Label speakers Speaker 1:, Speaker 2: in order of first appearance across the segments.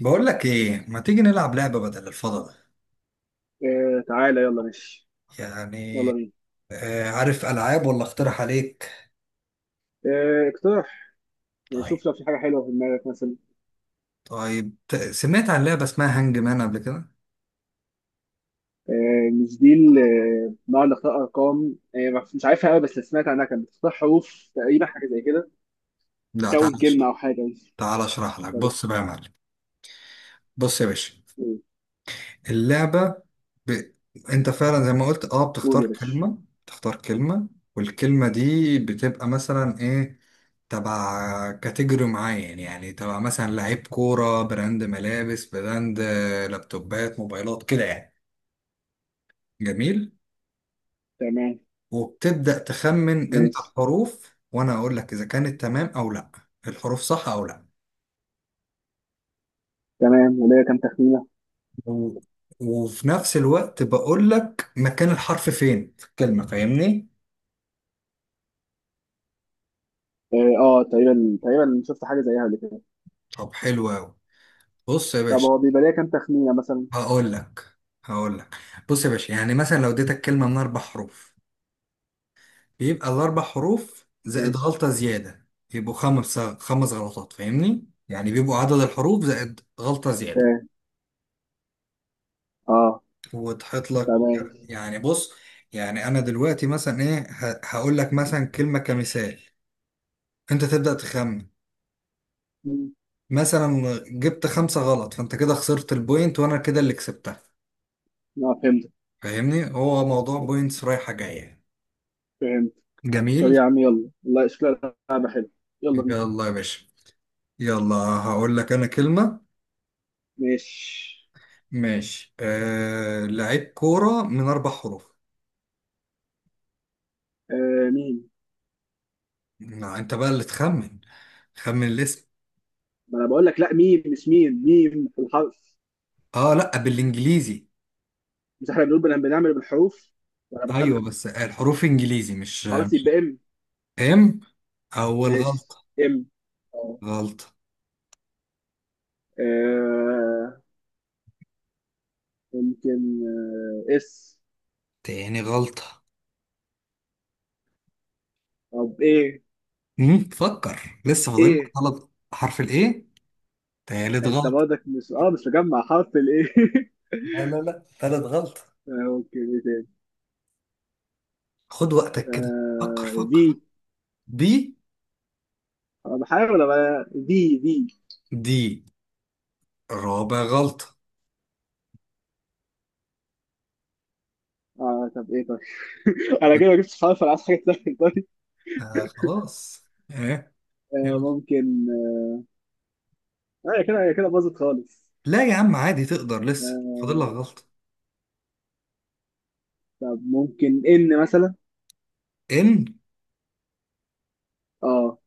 Speaker 1: بقول لك ايه ما تيجي نلعب لعبة بدل الفضاء.
Speaker 2: آه، تعالى يلا ماشي.
Speaker 1: يعني
Speaker 2: يلا بينا.
Speaker 1: عارف العاب ولا اقترح عليك؟
Speaker 2: آه، اقترح. يعني
Speaker 1: طيب،
Speaker 2: شوف، لو في حاجة حلوة في دماغك مثلا.
Speaker 1: طيب، سمعت عن لعبة اسمها هانج مان قبل كده؟
Speaker 2: آه، مش دي نقعد نختار أرقام، مش عارفها قوي، بس اللي سمعت عنها كانت بتختار حروف تقريبا، حاجة زي كده.
Speaker 1: لا تعال
Speaker 2: تكون
Speaker 1: أش-
Speaker 2: كلمة أو حاجة، ماشي.
Speaker 1: تعال اشرح لك،
Speaker 2: طب يا
Speaker 1: بص
Speaker 2: باشا.
Speaker 1: بقى يا معلم. بص يا باشا،
Speaker 2: قول.
Speaker 1: اللعبة ب... انت فعلا زي ما قلت، اه،
Speaker 2: قول
Speaker 1: بتختار
Speaker 2: يا باشا.
Speaker 1: كلمة. تختار كلمة، والكلمة دي بتبقى مثلا ايه؟ تبع كاتيجوري معين، يعني تبع مثلا لعيب كورة، براند ملابس، براند لابتوبات، موبايلات، كده يعني. جميل.
Speaker 2: تمام.
Speaker 1: وبتبدأ تخمن انت
Speaker 2: ماشي.
Speaker 1: الحروف وانا اقول لك اذا كانت تمام او لا، الحروف صح او لا.
Speaker 2: تمام، وليا كام تخمينة؟
Speaker 1: و... وفي نفس الوقت بقول لك مكان الحرف فين في الكلمة، فاهمني؟
Speaker 2: اه، تقريبا تقريبا شفت حاجة زيها قبل كده.
Speaker 1: طب حلو قوي. بص يا
Speaker 2: طب،
Speaker 1: باشا،
Speaker 2: هو بيبقى ليا كام تخمينة مثلا؟
Speaker 1: هقول لك هقول لك. بص يا باشا، يعني مثلا لو اديتك كلمة من اربع حروف، بيبقى الاربع حروف زائد
Speaker 2: ماشي.
Speaker 1: غلطة زيادة. يبقوا خمس غلطات، فاهمني؟ يعني بيبقوا عدد الحروف زائد غلطة زيادة
Speaker 2: اه، آه،
Speaker 1: وتحط لك.
Speaker 2: تمام.
Speaker 1: يعني بص، يعني انا دلوقتي مثلا ايه، هقول لك مثلا كلمة كمثال، انت تبدأ تخمن.
Speaker 2: مم.
Speaker 1: مثلا جبت خمسة غلط، فانت كده خسرت البوينت وانا كده اللي كسبتها.
Speaker 2: اه، فهمت.
Speaker 1: فاهمني؟ هو موضوع بوينتس رايحة جاية.
Speaker 2: فهمت. طب يا
Speaker 1: جميل.
Speaker 2: عم، يلا والله شكلها لعبة حلوة. يلا بينا.
Speaker 1: يلا يا باشا، يلا هقول لك انا كلمة.
Speaker 2: ماشي.
Speaker 1: ماشي، لعيب كورة من اربع حروف.
Speaker 2: آه، ميم.
Speaker 1: ما انت بقى اللي تخمن، خمن الاسم.
Speaker 2: ما انا بقول لك، لا ميم، مش ميم، ميم في الحرف.
Speaker 1: اه لا، بالانجليزي.
Speaker 2: مش احنا بنقول بنعمل بالحروف؟ وانا
Speaker 1: ايوه
Speaker 2: بخمن.
Speaker 1: بس الحروف انجليزي مش.
Speaker 2: خلاص يبقى ام.
Speaker 1: ام، اول
Speaker 2: ماشي.
Speaker 1: غلطة.
Speaker 2: ام. اه.
Speaker 1: غلطة.
Speaker 2: آه، ممكن. آه، اس.
Speaker 1: تاني غلطة.
Speaker 2: طب ايه.
Speaker 1: مم، فكر، لسه فاضل لك
Speaker 2: ايه،
Speaker 1: غلط. حرف الايه، تالت
Speaker 2: انت
Speaker 1: غلطة.
Speaker 2: برضك مش مجمع حرف الايه؟
Speaker 1: لا لا لا، تالت غلطة.
Speaker 2: آه، ممكن ايه تاني.
Speaker 1: خد وقتك كده، فكر
Speaker 2: آه،
Speaker 1: فكر.
Speaker 2: في.
Speaker 1: بي.
Speaker 2: انا بحاول ابقى في.
Speaker 1: دي، رابع غلطة.
Speaker 2: اه، طب ايه؟ طيب. انا كده ما جبتش خالص، انا عايز حاجه تسهل. طيب.
Speaker 1: آه خلاص، ايه؟
Speaker 2: آه،
Speaker 1: يلا.
Speaker 2: ممكن. اه، هي كده، هي كده باظت خالص.
Speaker 1: لا يا عم، عادي، تقدر، لسه فاضل لك
Speaker 2: آه.
Speaker 1: غلطة.
Speaker 2: طب ممكن ان مثلا.
Speaker 1: ان،
Speaker 2: اه.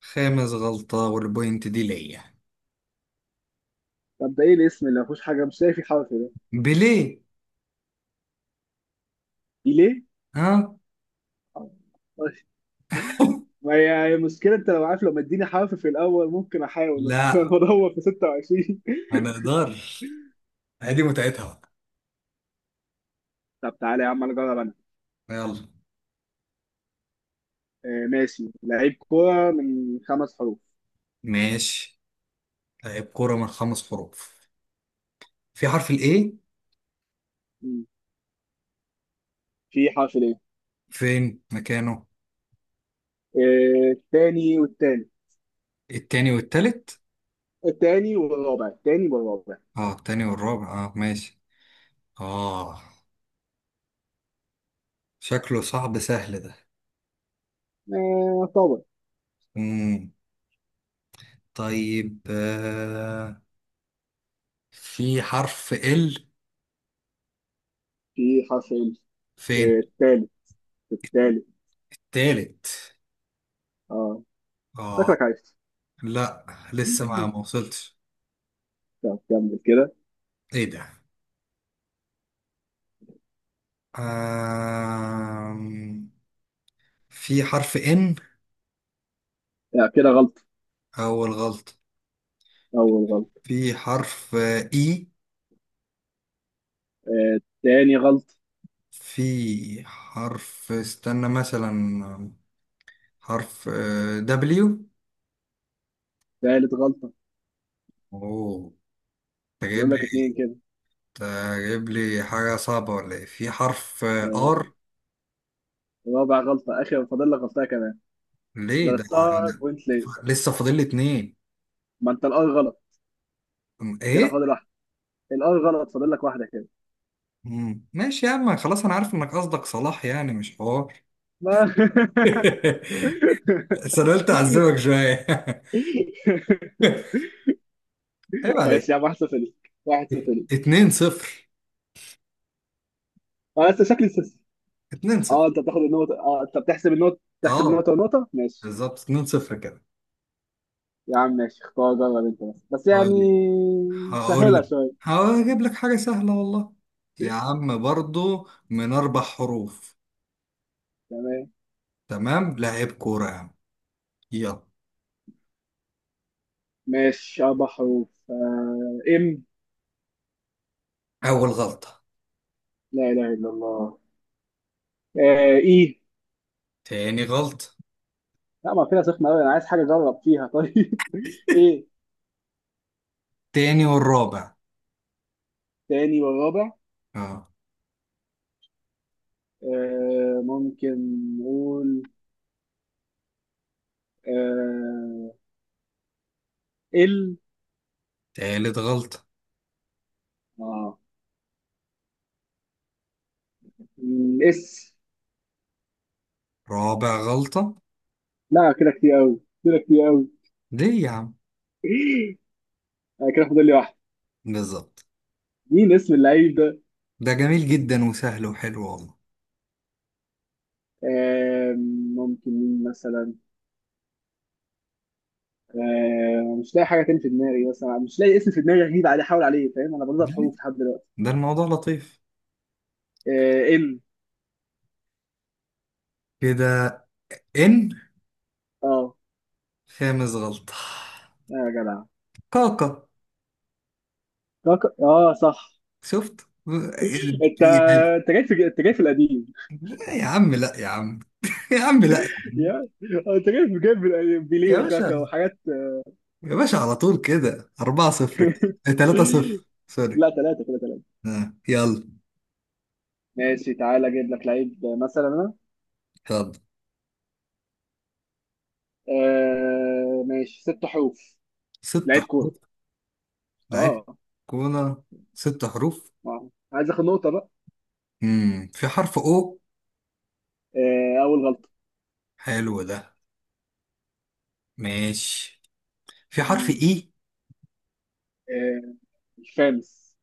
Speaker 1: خامس غلطة والبوينت دي ليا.
Speaker 2: طب ده ايه الاسم اللي ما فيهوش حاجه؟ مش لاقي فيه حرف ده.
Speaker 1: بليه.
Speaker 2: ليه.
Speaker 1: ها.
Speaker 2: آه، ماشي. ما هي مشكلة، انت لو عارف، لو مديني حرف في الاول ممكن احاول بس. انا
Speaker 1: لا،
Speaker 2: بدور في 26.
Speaker 1: ما نقدرش، هي دي متعتها بقى.
Speaker 2: طب تعالى يا عم، انا اجرب انا.
Speaker 1: يلا.
Speaker 2: آه ماشي، لعيب كورة من خمس حروف.
Speaker 1: ماشي، لاعب كورة من خمس حروف. في حرف الاي.
Speaker 2: مم. في حرف ليه.
Speaker 1: فين مكانه؟
Speaker 2: آه،
Speaker 1: التاني والتالت.
Speaker 2: التاني والرابع. التاني والرابع.
Speaker 1: اه التاني والرابع، اه ماشي، اه. شكله صعب، سهل ده.
Speaker 2: آه، طبعا.
Speaker 1: مم. طيب، آه، في حرف ال.
Speaker 2: في حرف ال.
Speaker 1: فين؟
Speaker 2: آه، التالت. التالت.
Speaker 1: تالت.
Speaker 2: اه.
Speaker 1: اه.
Speaker 2: شكلك عايز.
Speaker 1: لا لسه، ما وصلتش.
Speaker 2: طب كمل كده.
Speaker 1: ايه ده؟ آم، في حرف ان.
Speaker 2: لا، كده غلط.
Speaker 1: اول غلط.
Speaker 2: اول غلط.
Speaker 1: في حرف اي.
Speaker 2: آه، تاني غلط.
Speaker 1: في حرف، استنى مثلا، حرف دبليو.
Speaker 2: تالت غلطة.
Speaker 1: اوه، انت جايب
Speaker 2: بقول لك اتنين
Speaker 1: لي،
Speaker 2: كده.
Speaker 1: انت جايب لي حاجة صعبة ولا ايه؟ في حرف ار.
Speaker 2: آه، رابع غلطة. اخر، فاضل لك غلطة كمان.
Speaker 1: ليه ده؟
Speaker 2: غلطتها
Speaker 1: ده
Speaker 2: بوينت ليه.
Speaker 1: لسه فاضل لي اتنين.
Speaker 2: ما انت الار غلط. كده
Speaker 1: ايه.
Speaker 2: فاضل واحدة. الار غلط، فاضل لك واحدة كده.
Speaker 1: مم. ماشي يا عم، خلاص، انا عارف انك قصدك صلاح يعني، مش حوار.
Speaker 2: ما
Speaker 1: بس انا قلت اعذبك شوية. عيب عليك.
Speaker 2: ماشي يا عم، واحد صفر ليك، واحد صفر ليك.
Speaker 1: اتنين صفر،
Speaker 2: انا لسه شكلي.
Speaker 1: اتنين صفر.
Speaker 2: اه، انت بتحسب النقطة. تحسب
Speaker 1: اه
Speaker 2: النقطة ونقطة، ماشي.
Speaker 1: بالظبط، اتنين صفر كده.
Speaker 2: يا عم ماشي، اختار جرب انت بس
Speaker 1: اه،
Speaker 2: يعني.
Speaker 1: هقول
Speaker 2: سهلة
Speaker 1: لك،
Speaker 2: شوية.
Speaker 1: هجيب لك حاجة سهلة والله. يا عم برضو من أربع حروف.
Speaker 2: تمام.
Speaker 1: تمام، لعيب كورة يا عم. يلا.
Speaker 2: ماشي، أربع حروف. آه، إم.
Speaker 1: أول غلطة.
Speaker 2: لا إله إلا الله. آه، إيه.
Speaker 1: تاني غلطة.
Speaker 2: لا، ما فيها سخنة أوي، أنا عايز حاجة أجرب فيها طيب. إيه.
Speaker 1: تاني والرابع.
Speaker 2: تاني والرابع.
Speaker 1: اه.
Speaker 2: آه، ممكن. نقول. آه. ال.
Speaker 1: تالت غلطة.
Speaker 2: آه. م، اس.
Speaker 1: رابع غلطة.
Speaker 2: لا، كده كتير أوي، كده كتير أوي.
Speaker 1: ليه يا عم؟
Speaker 2: آه، كده فاضل لي واحدة.
Speaker 1: بالظبط.
Speaker 2: مين اسم اللعيب ده؟
Speaker 1: ده جميل جدا وسهل وحلو والله.
Speaker 2: آم، ممكن مين مثلا. مش لاقي حاجه تاني في دماغي، مثلا مش لاقي اسم في دماغي غريب عليه احاول عليه. فاهم، انا بنطق
Speaker 1: ليه؟
Speaker 2: حروف لحد دلوقتي.
Speaker 1: ده الموضوع لطيف
Speaker 2: آه، ال.
Speaker 1: كده. إن،
Speaker 2: اه.
Speaker 1: خامس غلطة.
Speaker 2: آه يا جدع.
Speaker 1: كاكا.
Speaker 2: اه، صح.
Speaker 1: شفت؟
Speaker 2: انت
Speaker 1: يعني.
Speaker 2: انت جاي في القديم.
Speaker 1: يا عم لا يا عم. يا عم لا يا عم.
Speaker 2: يا. آه، انت جاي في القديم. بيليه
Speaker 1: يا
Speaker 2: وكاكا
Speaker 1: باشا،
Speaker 2: وحاجات.
Speaker 1: يا باشا، على طول كده، 4-0. 3 0 سوري.
Speaker 2: لا، ثلاثه كده، ثلاثه.
Speaker 1: آه، يلا.
Speaker 2: ماشي، تعالى اجيب لك لعيب. مثلا انا.
Speaker 1: يلا،
Speaker 2: آه ماشي، ست حروف.
Speaker 1: ست
Speaker 2: لعيب كوره.
Speaker 1: حروف. لعيب
Speaker 2: اه.
Speaker 1: كوره، ست حروف.
Speaker 2: آه. عايز اخد نقطه بقى.
Speaker 1: امم، في حرف او.
Speaker 2: آه، اول غلطه.
Speaker 1: حلو ده، ماشي. في حرف
Speaker 2: مم.
Speaker 1: اي.
Speaker 2: آه. الخامس.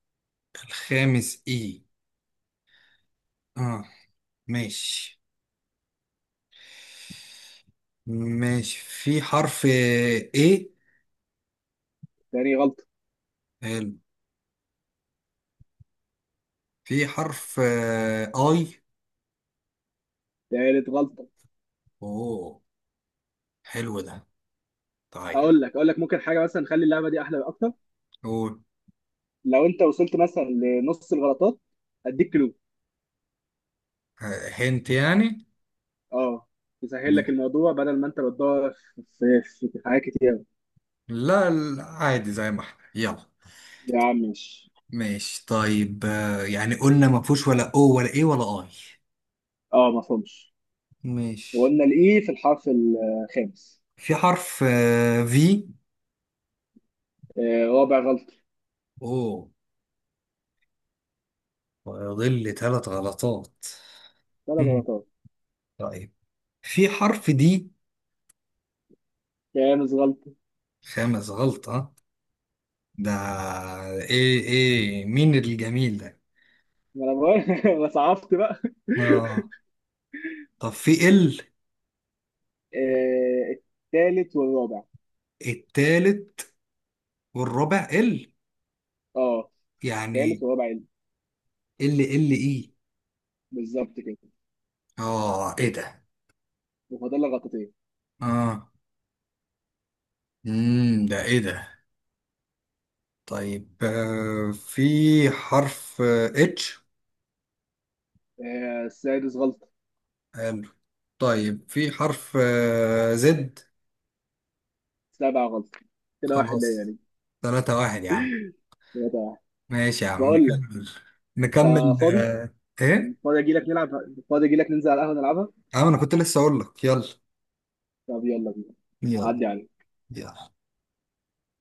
Speaker 1: الخامس اي، اه، ماشي ماشي. في حرف ايه.
Speaker 2: تاني غلطه.
Speaker 1: حلو. في حرف اي.
Speaker 2: تالت غلطه.
Speaker 1: اوه، حلو ده. طيب.
Speaker 2: اقول لك ممكن حاجه مثلا، نخلي اللعبه دي احلى اكتر.
Speaker 1: قول.
Speaker 2: لو انت وصلت مثلا لنص الغلطات، اديك كلو.
Speaker 1: آه هنت يعني.
Speaker 2: اه. يسهل لك الموضوع بدل ما انت بتدور في حاجات كتير.
Speaker 1: لا، عادي، زي ما احنا، يلا.
Speaker 2: يا عم مش.
Speaker 1: ماشي، طيب، آه، يعني قلنا ما فيهوش ولا او، ولا ايه، ولا اي.
Speaker 2: اه، ما فهمش.
Speaker 1: ماشي.
Speaker 2: وقلنا الاي في الحرف الخامس.
Speaker 1: في حرف. في.
Speaker 2: آه، رابع غلطه.
Speaker 1: او. ويضل لي ثلاث غلطات.
Speaker 2: ثلاث
Speaker 1: مم.
Speaker 2: غلطات.
Speaker 1: طيب، في حرف دي.
Speaker 2: خامس غلطه.
Speaker 1: خامس غلطة. ده ايه؟ ايه مين الجميل ده؟
Speaker 2: ما انا بقول- ما صعبت بقى.
Speaker 1: اه. طب في ال.
Speaker 2: آه، التالت والرابع.
Speaker 1: التالت والرابع. ال،
Speaker 2: اه،
Speaker 1: يعني،
Speaker 2: التالت والرابع.
Speaker 1: ال ال ايه.
Speaker 2: بالظبط كده.
Speaker 1: اه ايه ده؟
Speaker 2: وفاضل لك غلطتين.
Speaker 1: اه. امم، ده ايه ده؟ طيب، آه، في حرف اتش.
Speaker 2: آه، السادس غلط.
Speaker 1: حلو. طيب، في حرف زد.
Speaker 2: السابع غلط. كده واحد ليا
Speaker 1: خلاص،
Speaker 2: يعني.
Speaker 1: ثلاثة واحد يا عم.
Speaker 2: ثلاثة واحد.
Speaker 1: ماشي يا عم،
Speaker 2: بقول لك.
Speaker 1: نكمل.
Speaker 2: انت
Speaker 1: نكمل
Speaker 2: فاضي؟
Speaker 1: آه، ايه؟
Speaker 2: فاضي اجي لك نلعب؟ فاضي اجي لك ننزل على القهوة نلعبها؟
Speaker 1: اه انا كنت لسه اقول لك يلا.
Speaker 2: طب يلا بينا.
Speaker 1: يلا.
Speaker 2: عدي عليك.
Speaker 1: يلا